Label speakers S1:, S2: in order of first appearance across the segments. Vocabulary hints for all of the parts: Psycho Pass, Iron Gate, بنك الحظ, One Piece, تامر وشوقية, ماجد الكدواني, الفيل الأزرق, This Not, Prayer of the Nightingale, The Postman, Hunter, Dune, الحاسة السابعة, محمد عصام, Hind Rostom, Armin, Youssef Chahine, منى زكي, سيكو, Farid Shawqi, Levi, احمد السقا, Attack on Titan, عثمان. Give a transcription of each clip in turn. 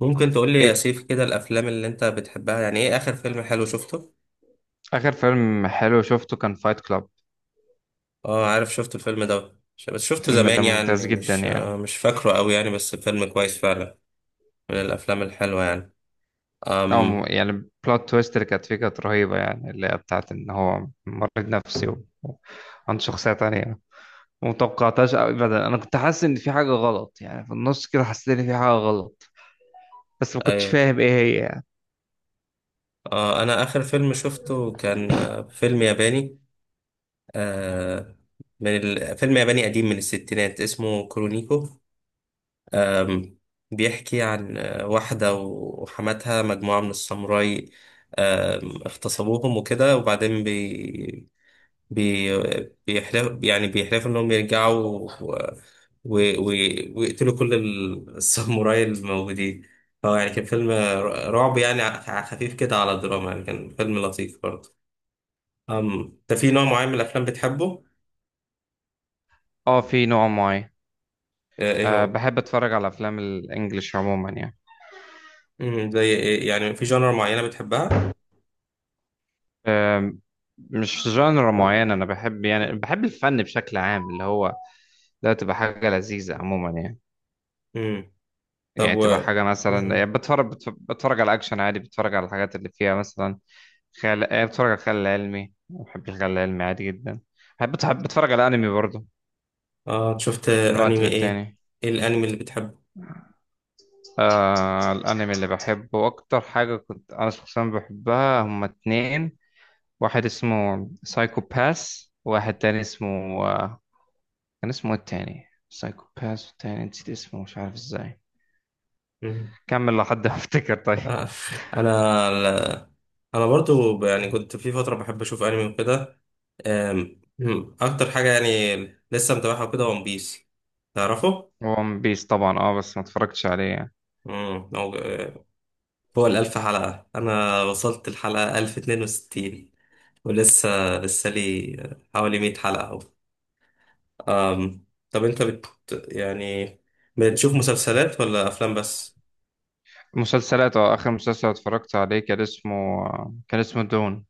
S1: ممكن تقول لي يا
S2: إيه.
S1: سيف كده، الافلام اللي انت بتحبها يعني ايه؟ اخر فيلم حلو شفته؟
S2: آخر فيلم حلو شفته كان فايت كلاب.
S1: اه، عارف شفت الفيلم ده. بس شفته
S2: الفيلم ده
S1: زمان
S2: ممتاز
S1: يعني
S2: جدا
S1: مش آه،
S2: يعني.
S1: مش فاكره قوي يعني، بس فيلم كويس فعلا. من الافلام الحلوه يعني. امم.
S2: يعني البلوت تويست اللي كانت فيه كانت رهيبة، يعني اللي هي بتاعت إن هو مريض نفسي وعنده شخصية تانية متوقعتهاش أبدا. أنا كنت حاسس إن في حاجة غلط، يعني في النص كده حسيت إن في حاجة غلط بس ما كنتش
S1: ايوه.
S2: فاهم إيه هي يعني.
S1: انا اخر فيلم شفته كان فيلم ياباني. آه فيلم ياباني قديم من الستينات اسمه كرونيكو. أم، بيحكي عن واحدة وحماتها، مجموعة من الساموراي اغتصبوهم وكده. وبعدين بي بي بيحلف، يعني بيحلفوا إنهم يرجعوا و... و... ويقتلوا كل الساموراي الموجودين. هو يعني كان فيلم رعب يعني، خفيف كده على الدراما، يعني كان فيلم لطيف برضه. أم، ده في نوع معين من الأفلام بتحبه؟
S2: أه في نوع معين.
S1: إيه
S2: أه
S1: هو؟
S2: بحب أتفرج على أفلام الإنجليش عموما يعني.
S1: مم، زي إيه؟ يعني في جانر معينة بتحبها؟
S2: أه مش جانرا معين، أنا بحب يعني بحب الفن بشكل عام اللي هو ده، تبقى حاجة لذيذة عموما يعني.
S1: مم. طب
S2: يعني تبقى حاجة مثلا،
S1: مم.
S2: يعني بتفرج بتفرج على أكشن عادي، بتفرج على الحاجات اللي فيها مثلا خيال، بتفرج على الخيال العلمي، بحب الخيال العلمي عادي جدا. بحب بتفرج على أنمي برضه
S1: اه، شفت
S2: من وقت
S1: انمي ايه؟
S2: للتاني.
S1: ايه الانمي اللي بتحبه؟
S2: آه الأنمي اللي بحبه أكتر حاجة كنت أنا شخصيا بحبها هما اتنين. واحد اسمه سايكو باس وواحد تاني اسمه، آه كان اسمه إيه التاني؟ سايكو باس والتاني نسيت اسمه مش عارف ازاي.
S1: مم.
S2: كمل لحد ما افتكر طيب.
S1: آه، انا ال- انا برضو، يعني كنت في فتره بحب اشوف انمي وكده. آم، مم، اكتر حاجه يعني لسه متابعها وكده ون بيس، تعرفه؟
S2: ون بيس طبعا، اه بس ما اتفرجتش عليه يعني.
S1: مم، هو آه، هو الالف حلقه، انا وصلت الحلقه 1062 ولسه لي حوالي 100 حلقه أهو. طب انت يعني بتشوف مسلسلات ولا افلام بس؟
S2: مسلسلات اه، اخر مسلسل اتفرجت عليه كان اسمه، كان اسمه دون،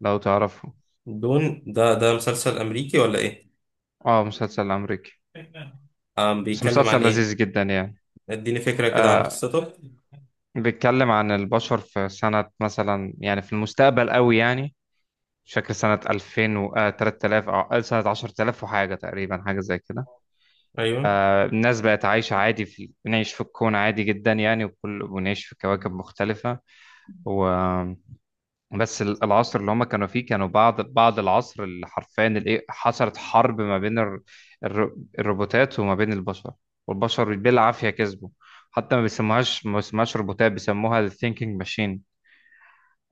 S2: لو تعرفه.
S1: دون ده مسلسل أمريكي ولا إيه؟
S2: اه مسلسل امريكي بس
S1: بيتكلم عن
S2: مسلسل
S1: إيه؟
S2: لذيذ جدا يعني.
S1: اديني فكرة كده عن
S2: آه
S1: قصته.
S2: بيتكلم عن البشر في سنة مثلا، يعني في المستقبل قوي يعني، مش فاكر سنة 2000 و 3000 او سنة 10000 وحاجة تقريبا، حاجة زي كده.
S1: أيوه.
S2: آه الناس بقت عايشة عادي، في بنعيش في الكون عادي جدا يعني، وكل ونعيش في كواكب مختلفة. و... بس العصر اللي هم كانوا فيه كانوا بعد العصر اللي حرفيا الايه، حصلت حرب ما بين الروبوتات وما بين البشر، والبشر بالعافية كسبوا. حتى ما بيسموهاش ما بيسموهاش روبوتات، بيسموها الثينكينج ماشين.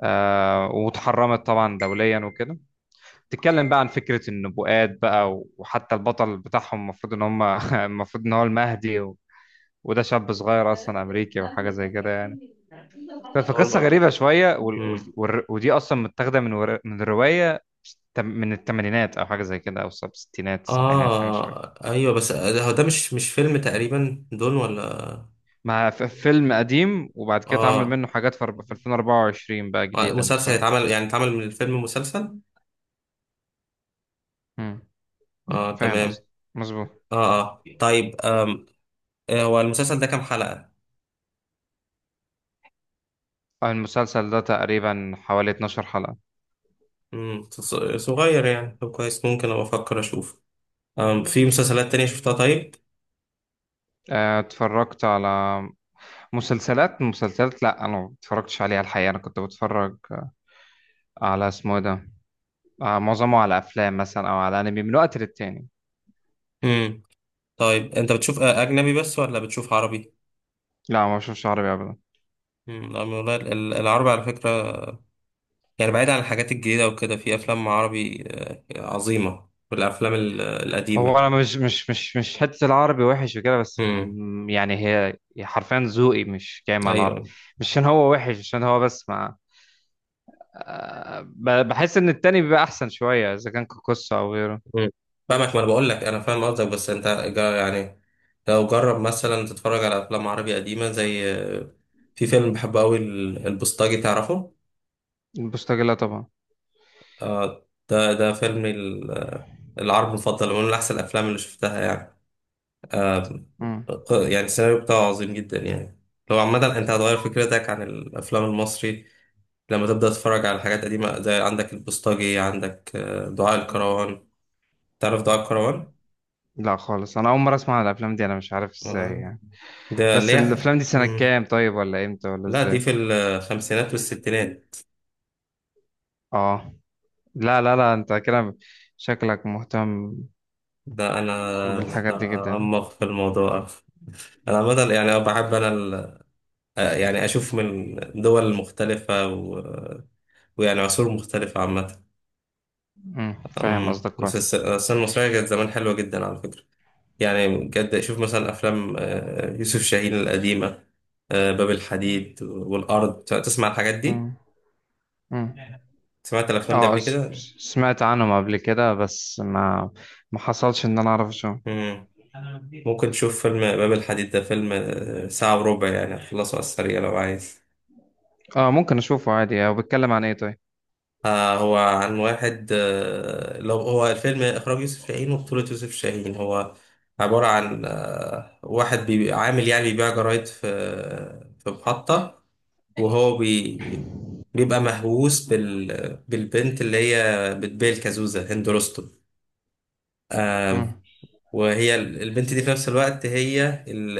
S2: آه واتحرمت طبعا دوليا وكده. تتكلم بقى عن فكرة النبوءات بقى، وحتى البطل بتاعهم المفروض ان هم المفروض ان هو المهدي. و... وده شاب صغير اصلا امريكي وحاجة زي كده يعني. فقصة
S1: أول.
S2: غريبة شوية،
S1: امم.
S2: ودي أصلا متاخدة من من الرواية من الثمانينات أو حاجة زي كده، أو الستينات السبعينات، حاجة شوية اه.
S1: أيوه، بس هو ده مش فيلم تقريبا دون ولا؟
S2: مع فيلم قديم وبعد كده اتعمل
S1: آه.
S2: منه حاجات في في 2024 بقى، جديدة. أنت
S1: مسلسل
S2: فاهم؟
S1: يتعمل يعني اتعمل من الفيلم مسلسل.
S2: مم.
S1: آه
S2: فاهم
S1: تمام.
S2: قصدي. مظبوط.
S1: آه آه، طيب. آم. هو المسلسل ده كام حلقة؟
S2: المسلسل ده تقريبا حوالي 12 حلقة.
S1: امم، صغير يعني. طب كويس، ممكن أبقى أفكر أشوف. آم، في مسلسلات تانية شفتها طيب؟
S2: اتفرجت على مسلسلات، لا أنا ما اتفرجتش عليها الحقيقة. أنا كنت بتفرج على اسمه إيه ده، معظمه على أفلام مثلا، أو على أنمي من وقت للتاني.
S1: طيب انت بتشوف اجنبي بس ولا بتشوف عربي؟
S2: لا ما بشوفش عربي أبدا.
S1: امم، لا والله العربي على فكره، يعني بعيد عن الحاجات الجديده وكده، في افلام عربي عظيمه، والافلام
S2: هو
S1: القديمه.
S2: انا مش حته العربي وحش وكده، بس
S1: امم.
S2: يعني هي حرفيا ذوقي مش جاي مع العربي.
S1: ايوه.
S2: مش عشان هو وحش، عشان هو بس مع، بحس ان التاني بيبقى احسن شويه، اذا كان كوكوسا او غيره.
S1: امم، فاهمك. ما انا بقول لك انا فاهم قصدك، بس انت جا- يعني لو جرب مثلا تتفرج على افلام عربي قديمه زي في فيلم بحبه قوي، البوسطجي، تعرفه؟
S2: البوستاجيلا طبعا.
S1: ده ده فيلم ال- آه، العربي المفضل، من احسن الافلام اللي شفتها يعني. آه
S2: مم.
S1: يعني السيناريو بتاعه عظيم جدا يعني. لو عامة أنت هتغير فكرتك عن الأفلام المصري لما تبدأ تتفرج على حاجات قديمة، زي عندك البوسطجي، عندك دعاء الكروان. تعرف دعاء الكروان؟
S2: لا خالص، انا اول مره اسمع عن الافلام دي، انا مش عارف ازاي
S1: ولا؟
S2: يعني.
S1: ده اللي
S2: بس
S1: هي
S2: الافلام دي سنه كام طيب، ولا امتى ولا
S1: لا، دي
S2: ازاي؟
S1: في الخمسينات والستينات.
S2: اه. لا لا لا، انت كده شكلك مهتم
S1: ده أنا
S2: بالحاجات دي جدا.
S1: أعمق في الموضوع. أنا عامة يعني بحب أنا يعني أشوف من دول مختلفة ويعني عصور مختلفة عامة.
S2: مم. فاهم
S1: أمم،
S2: قصدك
S1: بس
S2: كويس.
S1: السينما المصرية كانت زمان حلوة جدا على فكرة. يعني بجد شوف مثلا أفلام يوسف شاهين القديمة، باب الحديد والأرض. تسمع الحاجات دي؟
S2: مم. مم.
S1: سمعت الأفلام دي
S2: اه
S1: قبل كده؟
S2: سمعت عنهم قبل كده، بس ما ما حصلش ان انا اعرف اشوفه.
S1: أمم. ممكن تشوف فيلم باب الحديد، ده فيلم ساعة وربع، يعني هتخلصه على السريع لو عايز.
S2: اه ممكن اشوفه عادي. هو بيتكلم عن ايه طيب؟
S1: هو عن واحد. آه لو هو الفيلم إخراج يوسف شاهين وبطولة يوسف شاهين. هو عبارة عن واحد عامل، يعني بيبيع جرايد في في محطة. وهو بي... بيبقى مهووس بالبنت اللي هي بتبيع الكازوزة، هند رستم.
S2: مم.
S1: آم، وهي البنت دي، في نفس الوقت هي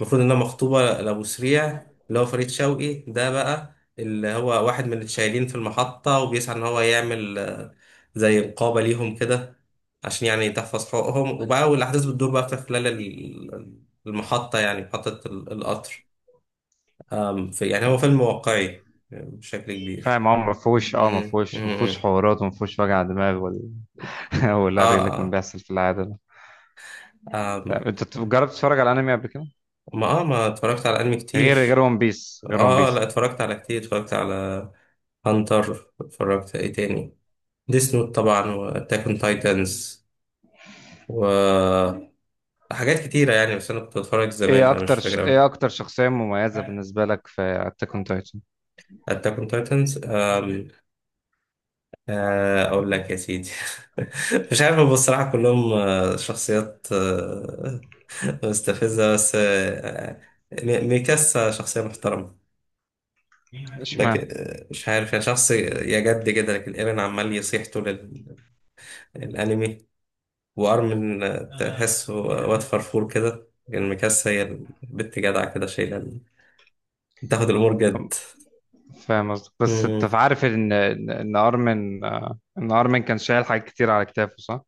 S1: المفروض انها مخطوبة لأبو سريع، اللي هو فريد شوقي. ده بقى اللي هو واحد من الشايلين في المحطة، وبيسعى ان هو يعمل زي نقابة ليهم كده، عشان يعني تحفظ حقوقهم. وبقى والأحداث بتدور بقى في خلال المحطة، يعني محطة القطر. في يعني هو
S2: فاهم.
S1: فيلم واقعي بشكل كبير.
S2: فاهم، اه ما فيهوش
S1: مم.
S2: ما فيهوش
S1: مم.
S2: حوارات، وما فيهوش وجع دماغ ولا والهري اللي كان
S1: اه.
S2: بيحصل في العاده ده.
S1: اه. آم.
S2: فاهم. انت جربت تتفرج على انمي قبل كده؟
S1: ما اتفرجت على انمي
S2: غير
S1: كتير.
S2: ون بيس،
S1: اه، لا اتفرجت على كتير، اتفرجت على هانتر، اتفرجت ايه تاني، ديس نوت طبعا، واتاك اون تايتنز وحاجات كتيرة يعني. بس انا كنت بتفرج زمان
S2: ايه
S1: فمش
S2: اكتر
S1: فاكر اوي.
S2: شخصيه مميزه بالنسبه لك في اتاك اون تايتن؟
S1: اتاك اون تايتنز، اقول لك يا سيدي. مش عارف، هو بصراحة كلهم شخصيات مستفزة، بس ميكاسا شخصية محترمة. لكن
S2: اشمعنى؟
S1: مش عارف، يعني شخص يا جد كده. لكن ايرين عمال يصيح طول الأنمي، وأرمن تحسه واد فرفور كده. لكن ميكاسا هي البت جدعة كده، شايلة، بتاخد الأمور جد.
S2: فاهم قصدك، بس انت
S1: مم.
S2: عارف ان ان إن ارمن، آه، ان ارمن كان شايل حاجات كتير على كتافه، صح؟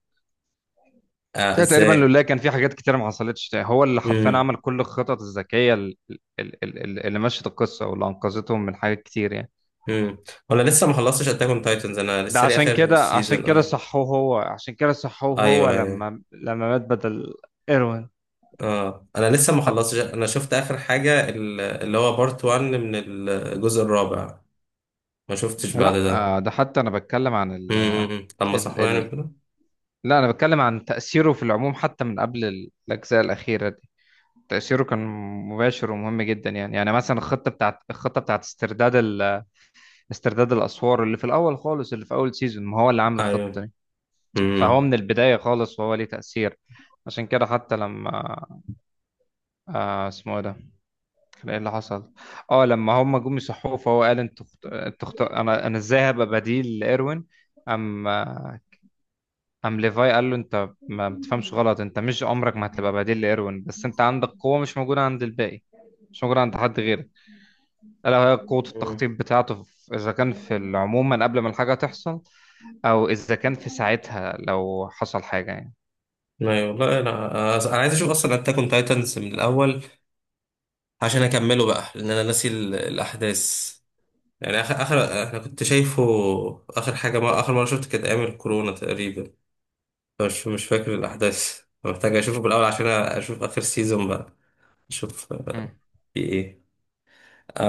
S1: آه،
S2: لا تقريبا،
S1: ازاي؟
S2: لولا كان في حاجات كتير ما حصلتش. هو اللي حرفيا
S1: مم.
S2: عمل كل الخطط الذكية اللي مشت القصة واللي أنقذتهم من حاجات كتير يعني.
S1: مم. وأنا لسه ما خلصتش أتاك أون تايتنز، أنا
S2: ده
S1: لسه لي
S2: عشان
S1: آخر
S2: كده، عشان
S1: سيزون
S2: كده
S1: آه.
S2: صحوه هو عشان كده صحوه هو
S1: أيوه، أيوه.
S2: لما مات بدل إيروين.
S1: اه، انا لسه ما
S2: حتى،
S1: خلصتش، انا شفت اخر حاجه اللي هو بارت 1 من الجزء الرابع. ما شفتش بعد
S2: لا.
S1: ده.
S2: ده حتى أنا بتكلم عن
S1: طب ما
S2: ال...
S1: صحواني
S2: ال...
S1: كده.
S2: لا أنا بتكلم عن تأثيره في العموم، حتى من قبل الأجزاء الأخيرة دي. تأثيره كان مباشر ومهم جدا يعني. يعني مثلا الخطة بتاعت استرداد استرداد الأسوار اللي في الأول خالص، اللي في أول سيزون. ما هو اللي عامل الخطة
S1: ايوه.
S2: دي. فهو
S1: امم.
S2: من البداية خالص وهو ليه تأثير. عشان كده حتى لما، اسمه إيه ده، كان ايه اللي حصل، اه لما هم جم يصحوه فهو قال، انت خت... انت خت... انا انا ازاي هبقى بديل لايروين؟ ام آه، ام ليفاي قال له انت ما بتفهمش غلط، انت مش عمرك ما هتبقى بديل لايروين، بس انت عندك قوة مش موجودة عند الباقي، مش موجودة عند حد غيرك، الا وهي قوة
S1: مم.
S2: التخطيط بتاعته، اذا كان في عموما قبل ما الحاجة تحصل، او اذا كان في ساعتها لو حصل حاجة يعني.
S1: ايوه، لا لا، انا عايز اشوف اصلا اتاك اون تايتنز من الاول عشان اكمله بقى، لان انا ناسي الاحداث. يعني اخر انا كنت شايفه، اخر حاجه، ما اخر مره شفت كانت ايام الكورونا تقريبا، مش فاكر
S2: مم.
S1: الاحداث. محتاج اشوفه بالاول عشان اشوف اخر سيزون بقى، اشوف
S2: مم.
S1: في ايه.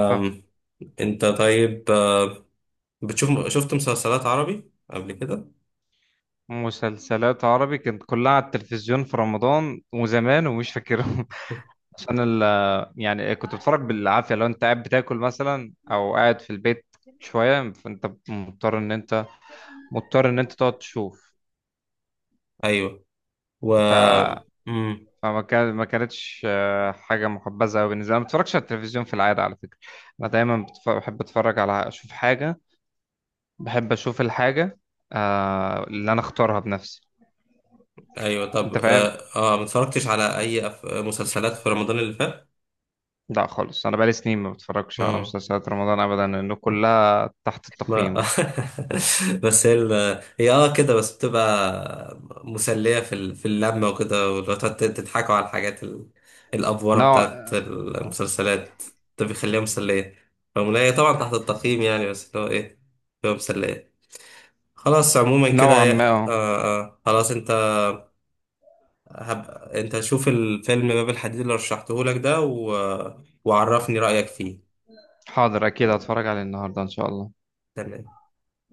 S2: فاهم.
S1: انت طيب، شفت مسلسلات عربي قبل كده؟
S2: مسلسلات عربي كانت كلها على التلفزيون في رمضان وزمان، ومش فاكرهم عشان يعني كنت بتفرج بالعافية، لو انت قاعد بتاكل مثلا او قاعد في البيت شوية، فانت مضطر ان انت تقعد تشوف.
S1: ايوه. و.
S2: ف
S1: مم.
S2: فما كان، ما كانتش حاجة محبذة أوي بالنسبة لي. أنا ما بتفرجش على التلفزيون في العادة على فكرة. أنا دايما بحب أتفرج على، أشوف حاجة، بحب اشوف الحاجه آه اللي انا اختارها بنفسي.
S1: ايوه، طب
S2: انت فاهم؟
S1: اه ما اتفرجتش على اي مسلسلات في رمضان اللي فات.
S2: لا خالص، انا بقالي سنين ما بتفرجش على
S1: مم.
S2: مسلسلات رمضان ابدا، لانه كلها تحت التقييم
S1: ما
S2: يعني.
S1: بس هي هي اه كده بس، بتبقى مسلية في في اللمة وكده، ولو تقعد تضحكوا على الحاجات الأفورة
S2: نوع
S1: بتاعت المسلسلات، ده بيخليها مسلية رغم إن هي طبعا تحت التقييم يعني. بس اللي هو ايه، بتبقى مسلية. خلاص عموما كده.
S2: نوعا ما آه.
S1: خلاص انت، انت شوف الفيلم باب الحديد اللي رشحته لك ده، وعرفني رأيك فيه.
S2: حاضر، اكيد هتفرج عليه النهارده ان شاء الله.
S1: تمام.